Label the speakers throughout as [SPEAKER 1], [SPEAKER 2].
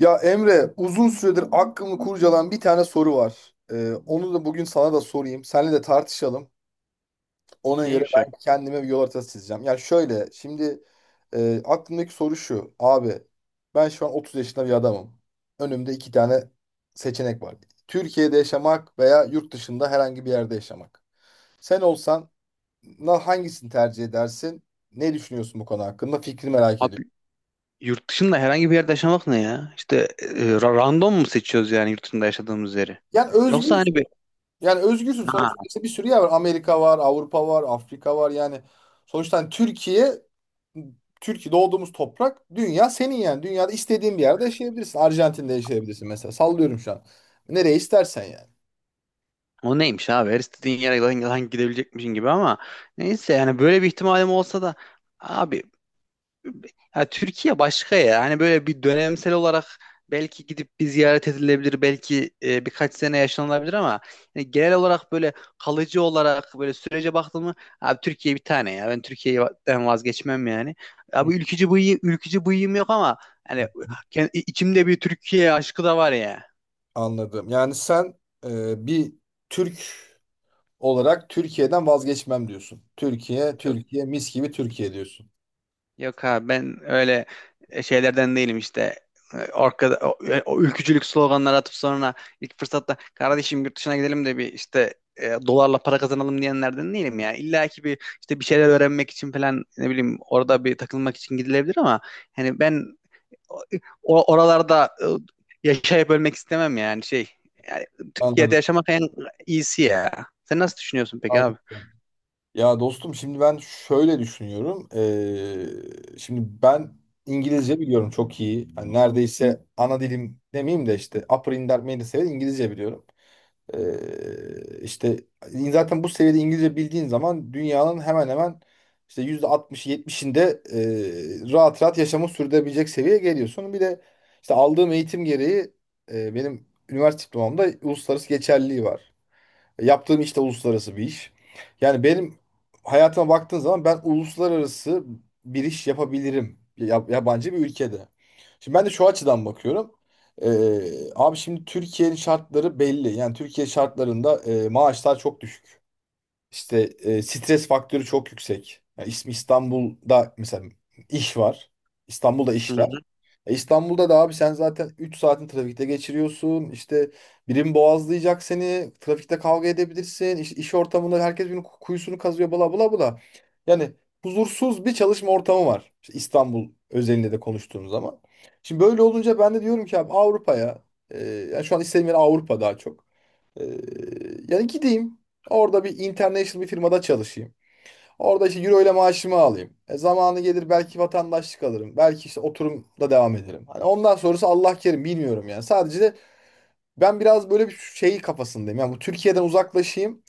[SPEAKER 1] Ya Emre, uzun süredir aklımı kurcalayan bir tane soru var. Onu da bugün sana da sorayım. Seninle de tartışalım. Ona göre
[SPEAKER 2] Neymiş ya?
[SPEAKER 1] ben kendime bir yol haritası çizeceğim. Yani şöyle, şimdi aklımdaki soru şu. Abi, ben şu an 30 yaşında bir adamım. Önümde iki tane seçenek var. Türkiye'de yaşamak veya yurt dışında herhangi bir yerde yaşamak. Sen olsan hangisini tercih edersin? Ne düşünüyorsun bu konu hakkında? Fikri merak
[SPEAKER 2] Abi
[SPEAKER 1] ediyorum.
[SPEAKER 2] yurt dışında herhangi bir yerde yaşamak ne ya? İşte random mu seçiyoruz, yani yurt dışında yaşadığımız yeri?
[SPEAKER 1] Yani
[SPEAKER 2] Yoksa
[SPEAKER 1] özgür
[SPEAKER 2] hani bir
[SPEAKER 1] Yani özgürsün.
[SPEAKER 2] ha,
[SPEAKER 1] Sonuçta işte bir sürü yer var. Amerika var, Avrupa var, Afrika var. Yani sonuçta hani Türkiye, Türkiye doğduğumuz toprak, dünya senin yani. Dünyada istediğin bir yerde yaşayabilirsin. Arjantin'de yaşayabilirsin mesela. Sallıyorum şu an. Nereye istersen yani.
[SPEAKER 2] o neymiş abi, her istediğin yere lan gidebilecekmişin gibi ama neyse, yani böyle bir ihtimalim olsa da abi, ya Türkiye başka ya. Hani böyle bir dönemsel olarak belki gidip bir ziyaret edilebilir, belki birkaç sene yaşanılabilir ama yani genel olarak böyle kalıcı olarak böyle sürece baktım mı, abi Türkiye bir tane ya. Ben Türkiye'den vazgeçmem yani.
[SPEAKER 1] Hı
[SPEAKER 2] Abi ülkücü bıyığım yok ama hani
[SPEAKER 1] hı.
[SPEAKER 2] içimde bir Türkiye aşkı da var ya.
[SPEAKER 1] Anladım. Yani sen bir Türk olarak Türkiye'den vazgeçmem diyorsun. Türkiye, Türkiye, mis gibi Türkiye diyorsun.
[SPEAKER 2] Yok abi, ben öyle şeylerden değilim işte. O ülkücülük sloganları atıp sonra ilk fırsatta kardeşim yurt dışına gidelim de bir işte dolarla para kazanalım diyenlerden değilim ya. İlla ki bir işte bir şeyler öğrenmek için falan, ne bileyim, orada bir takılmak için gidilebilir ama hani ben oralarda yaşayıp ölmek istemem yani şey. Yani Türkiye'de
[SPEAKER 1] Anladım.
[SPEAKER 2] yaşamak en iyisi ya. Sen nasıl düşünüyorsun peki
[SPEAKER 1] Anladım.
[SPEAKER 2] abi?
[SPEAKER 1] Ya dostum şimdi ben şöyle düşünüyorum. Şimdi ben İngilizce biliyorum çok iyi. Hani neredeyse ana dilim demeyeyim de işte upper intermediate seviye İngilizce biliyorum. İşte zaten bu seviyede İngilizce bildiğin zaman dünyanın hemen hemen işte %60'ı 70'inde rahat rahat yaşamı sürdürebilecek seviyeye geliyorsun. Bir de işte aldığım eğitim gereği benim üniversite diplomamda uluslararası geçerliliği var. Yaptığım iş de uluslararası bir iş. Yani benim hayatıma baktığın zaman ben uluslararası bir iş yapabilirim. Yabancı bir ülkede. Şimdi ben de şu açıdan bakıyorum. Abi şimdi Türkiye'nin şartları belli. Yani Türkiye şartlarında maaşlar çok düşük. İşte stres faktörü çok yüksek. Ya ismi İstanbul'da mesela iş var. İstanbul'da
[SPEAKER 2] Hı
[SPEAKER 1] işler.
[SPEAKER 2] hı.
[SPEAKER 1] E, İstanbul'da da abi sen zaten 3 saatin trafikte geçiriyorsun. İşte birim boğazlayacak seni. Trafikte kavga edebilirsin. İş ortamında herkes birbirinin kuyusunu kazıyor bla bla bla. Yani huzursuz bir çalışma ortamı var. İşte İstanbul özelinde de konuştuğum zaman. Şimdi böyle olunca ben de diyorum ki abi Avrupa'ya e, yani şu an istediğim yer Avrupa daha çok. Ee, yani gideyim. Orada bir international bir firmada çalışayım. Orada işte euro ile maaşımı alayım. Zamanı gelir belki vatandaşlık alırım. Belki işte oturumda devam ederim. Hani ondan sonrası Allah kerim bilmiyorum yani. Sadece de ben biraz böyle bir şey kafasındayım. Yani bu Türkiye'den uzaklaşayım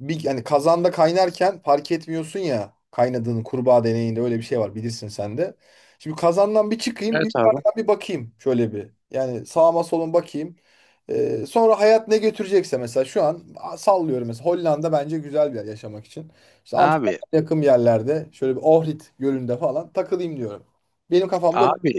[SPEAKER 1] bir yani kazanda kaynarken fark etmiyorsun ya kaynadığını kurbağa deneyinde öyle bir şey var bilirsin sen de. Şimdi kazandan bir çıkayım bir
[SPEAKER 2] Evet abi.
[SPEAKER 1] yukarıdan bir bakayım şöyle bir. Yani sağıma soluma bakayım. Sonra hayat ne götürecekse mesela şu an sallıyorum mesela Hollanda bence güzel bir yer yaşamak için. İşte
[SPEAKER 2] Abi,
[SPEAKER 1] Amsterdam'a yakın yerlerde şöyle bir Ohrid Gölü'nde falan takılayım diyorum. Benim kafamda bu.
[SPEAKER 2] abi,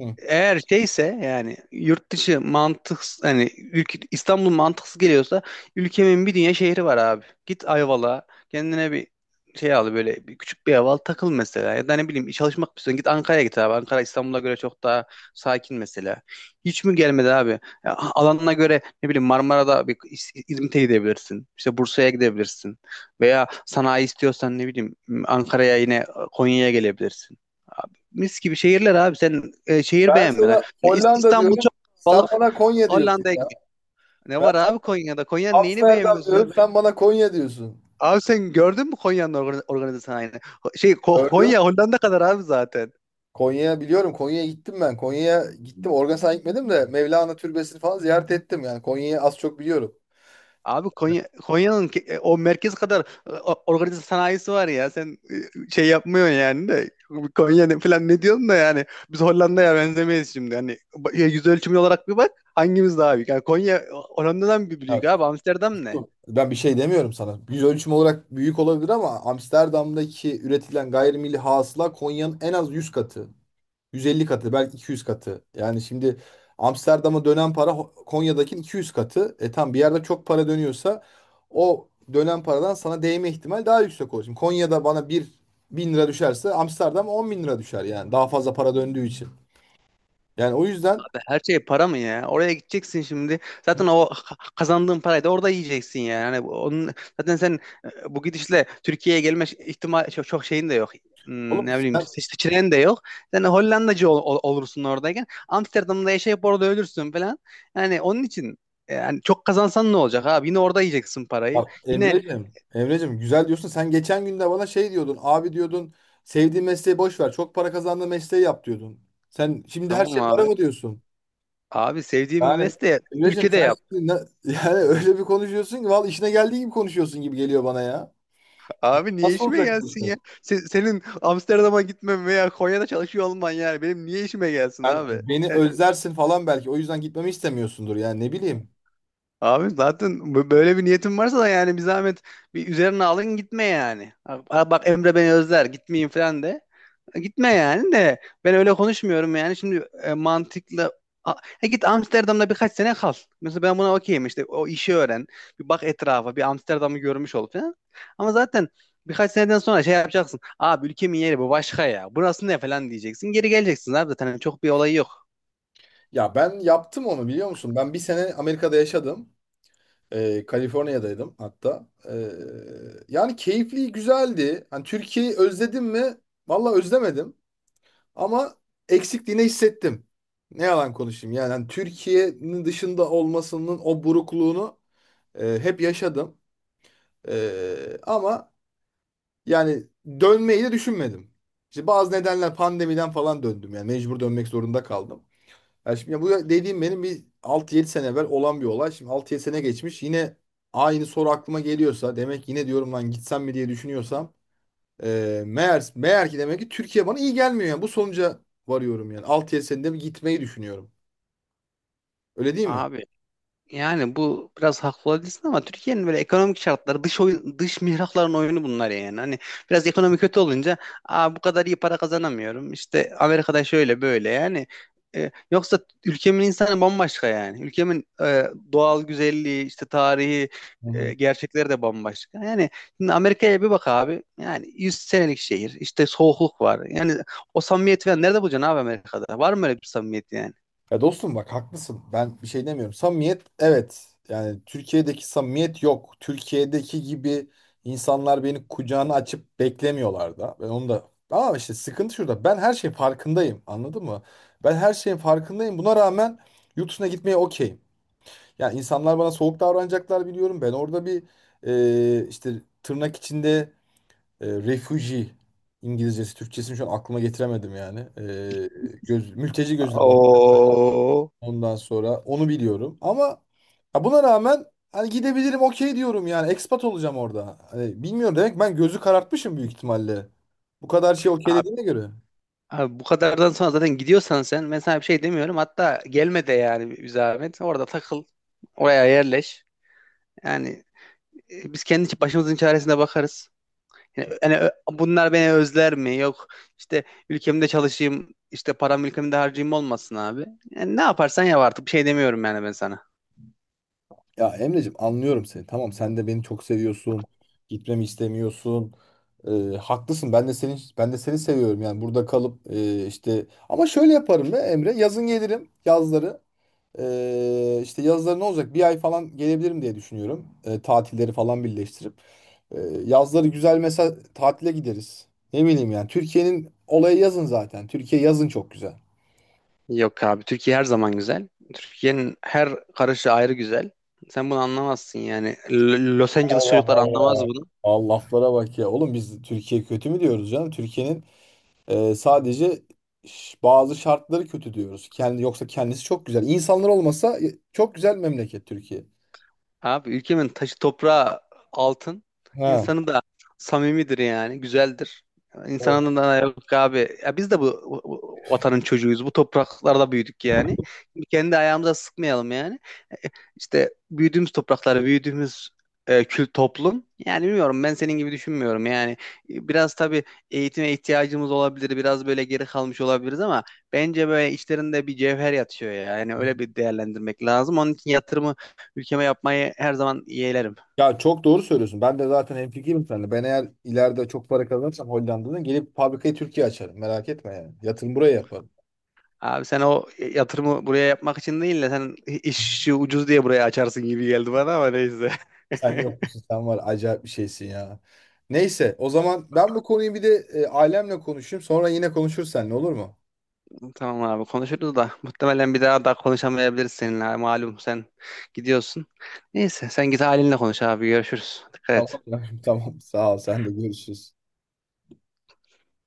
[SPEAKER 1] Hı.
[SPEAKER 2] eğer şeyse yani yurt dışı mantık, hani ülke, İstanbul mantıksız geliyorsa ülkemin bir dünya şehri var abi. Git Ayvalık'a, kendine bir şey al, böyle bir küçük bir ev al takıl mesela, ya da ne bileyim, çalışmak istiyorsan git Ankara'ya, git abi. Ankara İstanbul'a göre çok daha sakin mesela. Hiç mi gelmedi abi? Ya, alanına göre ne bileyim, Marmara'da bir İzmit'e gidebilirsin. İşte Bursa'ya gidebilirsin. Veya sanayi istiyorsan, ne bileyim, Ankara'ya, yine Konya'ya gelebilirsin, mis gibi şehirler abi. Sen şehir
[SPEAKER 1] Ben
[SPEAKER 2] beğenmiyorsun.
[SPEAKER 1] sana
[SPEAKER 2] Ya
[SPEAKER 1] Hollanda
[SPEAKER 2] İstanbul
[SPEAKER 1] diyorum
[SPEAKER 2] çok
[SPEAKER 1] sen
[SPEAKER 2] balık.
[SPEAKER 1] bana Konya diyorsun
[SPEAKER 2] Hollanda'ya
[SPEAKER 1] ya.
[SPEAKER 2] gidiyor. Ne
[SPEAKER 1] Ben
[SPEAKER 2] var abi Konya'da? Konya'nın neyini
[SPEAKER 1] Amsterdam
[SPEAKER 2] beğenmiyorsun sen?
[SPEAKER 1] diyorum sen bana Konya diyorsun.
[SPEAKER 2] Abi sen gördün mü Konya'nın organize sanayini?
[SPEAKER 1] Gördün
[SPEAKER 2] Konya Hollanda kadar abi zaten.
[SPEAKER 1] Konya'ya biliyorum. Konya'ya gittim ben. Konya'ya gittim. Organ San'a gitmedim de Mevlana Türbesi'ni falan ziyaret ettim. Yani Konya'yı az çok biliyorum.
[SPEAKER 2] Abi, Konya'nın o merkez kadar organize sanayisi var ya. Sen şey yapmıyorsun yani de, Konya ne falan ne diyorsun da yani biz Hollanda'ya benzemeyiz şimdi. Hani yüz ölçümü olarak bir bak, hangimiz daha büyük? Yani Konya Hollanda'dan bir
[SPEAKER 1] Ya,
[SPEAKER 2] büyük abi. Amsterdam ne?
[SPEAKER 1] ben bir şey demiyorum sana. Yüz ölçümü olarak büyük olabilir ama Amsterdam'daki üretilen gayrimilli hasıla Konya'nın en az 100 katı. 150 katı belki 200 katı. Yani şimdi Amsterdam'a dönen para Konya'daki 200 katı. E tam bir yerde çok para dönüyorsa o dönen paradan sana değme ihtimal daha yüksek olur. Şimdi Konya'da bana bir 1.000 lira düşerse Amsterdam 10 bin lira düşer yani daha fazla para döndüğü için. Yani o yüzden
[SPEAKER 2] Her şey para mı ya? Oraya gideceksin şimdi. Zaten o kazandığın parayı da orada yiyeceksin yani. Hani onun zaten sen bu gidişle Türkiye'ye gelme ihtimal çok şeyin de yok. Hmm,
[SPEAKER 1] oğlum
[SPEAKER 2] ne bileyim,
[SPEAKER 1] sen
[SPEAKER 2] seçeneğin de yok. Sen Hollandacı olursun oradayken. Amsterdam'da yaşayıp orada ölürsün falan. Yani onun için yani çok kazansan ne olacak abi? Yine orada yiyeceksin parayı.
[SPEAKER 1] bak
[SPEAKER 2] Yine
[SPEAKER 1] Emre'cim güzel diyorsun sen geçen gün de bana şey diyordun abi diyordun sevdiğin mesleği boş ver çok para kazandığın mesleği yap diyordun. Sen şimdi her
[SPEAKER 2] tamam
[SPEAKER 1] şey para
[SPEAKER 2] abi.
[SPEAKER 1] mı diyorsun?
[SPEAKER 2] Abi, sevdiğin bir
[SPEAKER 1] Yani
[SPEAKER 2] mesleği
[SPEAKER 1] Emre'cim
[SPEAKER 2] ülkede
[SPEAKER 1] sen
[SPEAKER 2] yap.
[SPEAKER 1] şimdi yani öyle bir konuşuyorsun ki vallahi işine geldiği gibi konuşuyorsun gibi geliyor bana ya.
[SPEAKER 2] Abi niye
[SPEAKER 1] Nasıl
[SPEAKER 2] işime
[SPEAKER 1] olacak bu
[SPEAKER 2] gelsin
[SPEAKER 1] işte?
[SPEAKER 2] ya? Senin Amsterdam'a gitmem veya Konya'da çalışıyor olman yani benim niye işime gelsin
[SPEAKER 1] Ben
[SPEAKER 2] abi?
[SPEAKER 1] beni
[SPEAKER 2] Yani,
[SPEAKER 1] özlersin falan belki. O yüzden gitmemi istemiyorsundur yani ne bileyim.
[SPEAKER 2] abi zaten böyle bir niyetin varsa da yani bir zahmet bir üzerine alın, gitme yani. Ha Bak, Emre beni özler, gitmeyin falan de. Gitme yani de, ben öyle konuşmuyorum yani şimdi, mantıklı A- git Amsterdam'da birkaç sene kal. Mesela ben buna okeyim, işte o işi öğren. Bir bak etrafa, bir Amsterdam'ı görmüş ol falan. Ama zaten birkaç seneden sonra şey yapacaksın. Abi ülkemin yeri bu başka ya. Burası ne falan diyeceksin. Geri geleceksin abi zaten. Hani çok bir olayı yok.
[SPEAKER 1] Ya ben yaptım onu biliyor musun? Ben bir sene Amerika'da yaşadım. Kaliforniya'daydım hatta. Yani keyifli, güzeldi. Hani Türkiye'yi özledim mi? Vallahi özlemedim. Ama eksikliğini hissettim. Ne yalan konuşayım. Yani hani Türkiye'nin dışında olmasının o burukluğunu hep yaşadım. Ama yani dönmeyi de düşünmedim. İşte bazı nedenler pandemiden falan döndüm. Yani mecbur dönmek zorunda kaldım. Yani şimdi bu dediğim benim bir 6 7 sene evvel olan bir olay. Şimdi 6 7 sene geçmiş. Yine aynı soru aklıma geliyorsa demek yine diyorum lan gitsem mi diye düşünüyorsam meğer ki demek ki Türkiye bana iyi gelmiyor. Yani bu sonuca varıyorum yani. 6 7 senede bir gitmeyi düşünüyorum. Öyle değil mi?
[SPEAKER 2] Abi yani bu biraz haklı olabilirsin ama Türkiye'nin böyle ekonomik şartları dış oyun, dış mihrakların oyunu bunlar yani. Hani biraz ekonomi kötü olunca, aa, bu kadar iyi para kazanamıyorum. İşte Amerika'da şöyle böyle yani. E, yoksa ülkemin insanı bambaşka yani. Ülkemin doğal güzelliği, işte tarihi, gerçekleri de bambaşka. Yani şimdi Amerika'ya bir bak abi. Yani 100 senelik şehir, işte soğukluk var. Yani o samimiyeti falan nerede bulacaksın abi Amerika'da? Var mı öyle bir samimiyet yani?
[SPEAKER 1] Ya dostum bak haklısın. Ben bir şey demiyorum. Samimiyet evet. Yani Türkiye'deki samimiyet yok. Türkiye'deki gibi insanlar beni kucağına açıp beklemiyorlar da. Ben onu da ama işte sıkıntı şurada. Ben her şeyin farkındayım. Anladın mı? Ben her şeyin farkındayım. Buna rağmen yurt dışına gitmeye okeyim. Yani insanlar bana soğuk davranacaklar biliyorum. Ben orada bir işte tırnak içinde refugee İngilizcesi, Türkçesini şu an aklıma getiremedim yani. Mülteci gözüyle
[SPEAKER 2] Oo.
[SPEAKER 1] ondan sonra onu biliyorum. Ama ya buna rağmen hani gidebilirim okey diyorum yani. Ekspat olacağım orada. Hani bilmiyorum demek ben gözü karartmışım büyük ihtimalle. Bu kadar şey okeylediğine göre.
[SPEAKER 2] Abi bu kadardan sonra zaten gidiyorsan sen, ben sana bir şey demiyorum. Hatta gelme de yani bir zahmet. Orada takıl. Oraya yerleş. Yani biz kendi başımızın çaresine bakarız. Yani, bunlar beni özler mi? Yok işte, ülkemde çalışayım, işte param ülkemde harcayayım olmasın abi. Yani ne yaparsan yap artık, bir şey demiyorum yani ben sana.
[SPEAKER 1] Ya Emreciğim anlıyorum seni. Tamam sen de beni çok seviyorsun. Gitmemi istemiyorsun. Ee, haklısın. Ben de seni seviyorum. Yani burada kalıp işte ama şöyle yaparım be Emre. Yazın gelirim yazları. İşte yazları ne olacak? Bir ay falan gelebilirim diye düşünüyorum. Tatilleri falan birleştirip. Ee, yazları güzel mesela tatile gideriz. Ne bileyim yani. Türkiye'nin olayı yazın zaten. Türkiye yazın çok güzel.
[SPEAKER 2] Yok abi, Türkiye her zaman güzel. Türkiye'nin her karışı ayrı güzel. Sen bunu anlamazsın yani. Los Angeles
[SPEAKER 1] Allah
[SPEAKER 2] çocuklar anlamaz
[SPEAKER 1] Allah.
[SPEAKER 2] bunu.
[SPEAKER 1] Allah laflara bak ya. Oğlum biz Türkiye kötü mü diyoruz canım? Türkiye'nin sadece bazı şartları kötü diyoruz. Kendi yoksa kendisi çok güzel. İnsanlar olmasa çok güzel memleket Türkiye.
[SPEAKER 2] Abi ülkemin taşı toprağı altın.
[SPEAKER 1] Ha.
[SPEAKER 2] İnsanı da samimidir yani. Güzeldir.
[SPEAKER 1] Evet.
[SPEAKER 2] İnsanın da yok abi. Ya biz de bu vatanın çocuğuyuz. Bu topraklarda büyüdük yani. Kendi ayağımıza sıkmayalım yani. İşte büyüdüğümüz topraklar, büyüdüğümüz kült toplum. Yani bilmiyorum, ben senin gibi düşünmüyorum. Yani biraz tabii eğitime ihtiyacımız olabilir. Biraz böyle geri kalmış olabiliriz ama bence böyle içlerinde bir cevher yatıyor ya. Yani öyle bir değerlendirmek lazım. Onun için yatırımı ülkeme yapmayı her zaman yeğlerim.
[SPEAKER 1] Ya çok doğru söylüyorsun. Ben de zaten hemfikirim seninle. Ben eğer ileride çok para kazanırsam Hollanda'dan gelip fabrikayı Türkiye açarım. Merak etme yani. Yatırım buraya yaparım.
[SPEAKER 2] Abi, yatırımı buraya yapmak için değil de sen işi ucuz diye buraya açarsın gibi geldi bana, ama neyse.
[SPEAKER 1] Sen yok musun? Sen var. Acayip bir şeysin ya. Neyse o zaman ben bu konuyu bir de ailemle konuşayım. Sonra yine konuşuruz seninle olur mu?
[SPEAKER 2] Tamam abi, konuşuruz da muhtemelen bir daha konuşamayabiliriz seninle, malum sen gidiyorsun. Neyse, sen git halinle konuş abi, görüşürüz. Dikkat et.
[SPEAKER 1] Tamam. Tamam sağ ol sen de görüşürüz.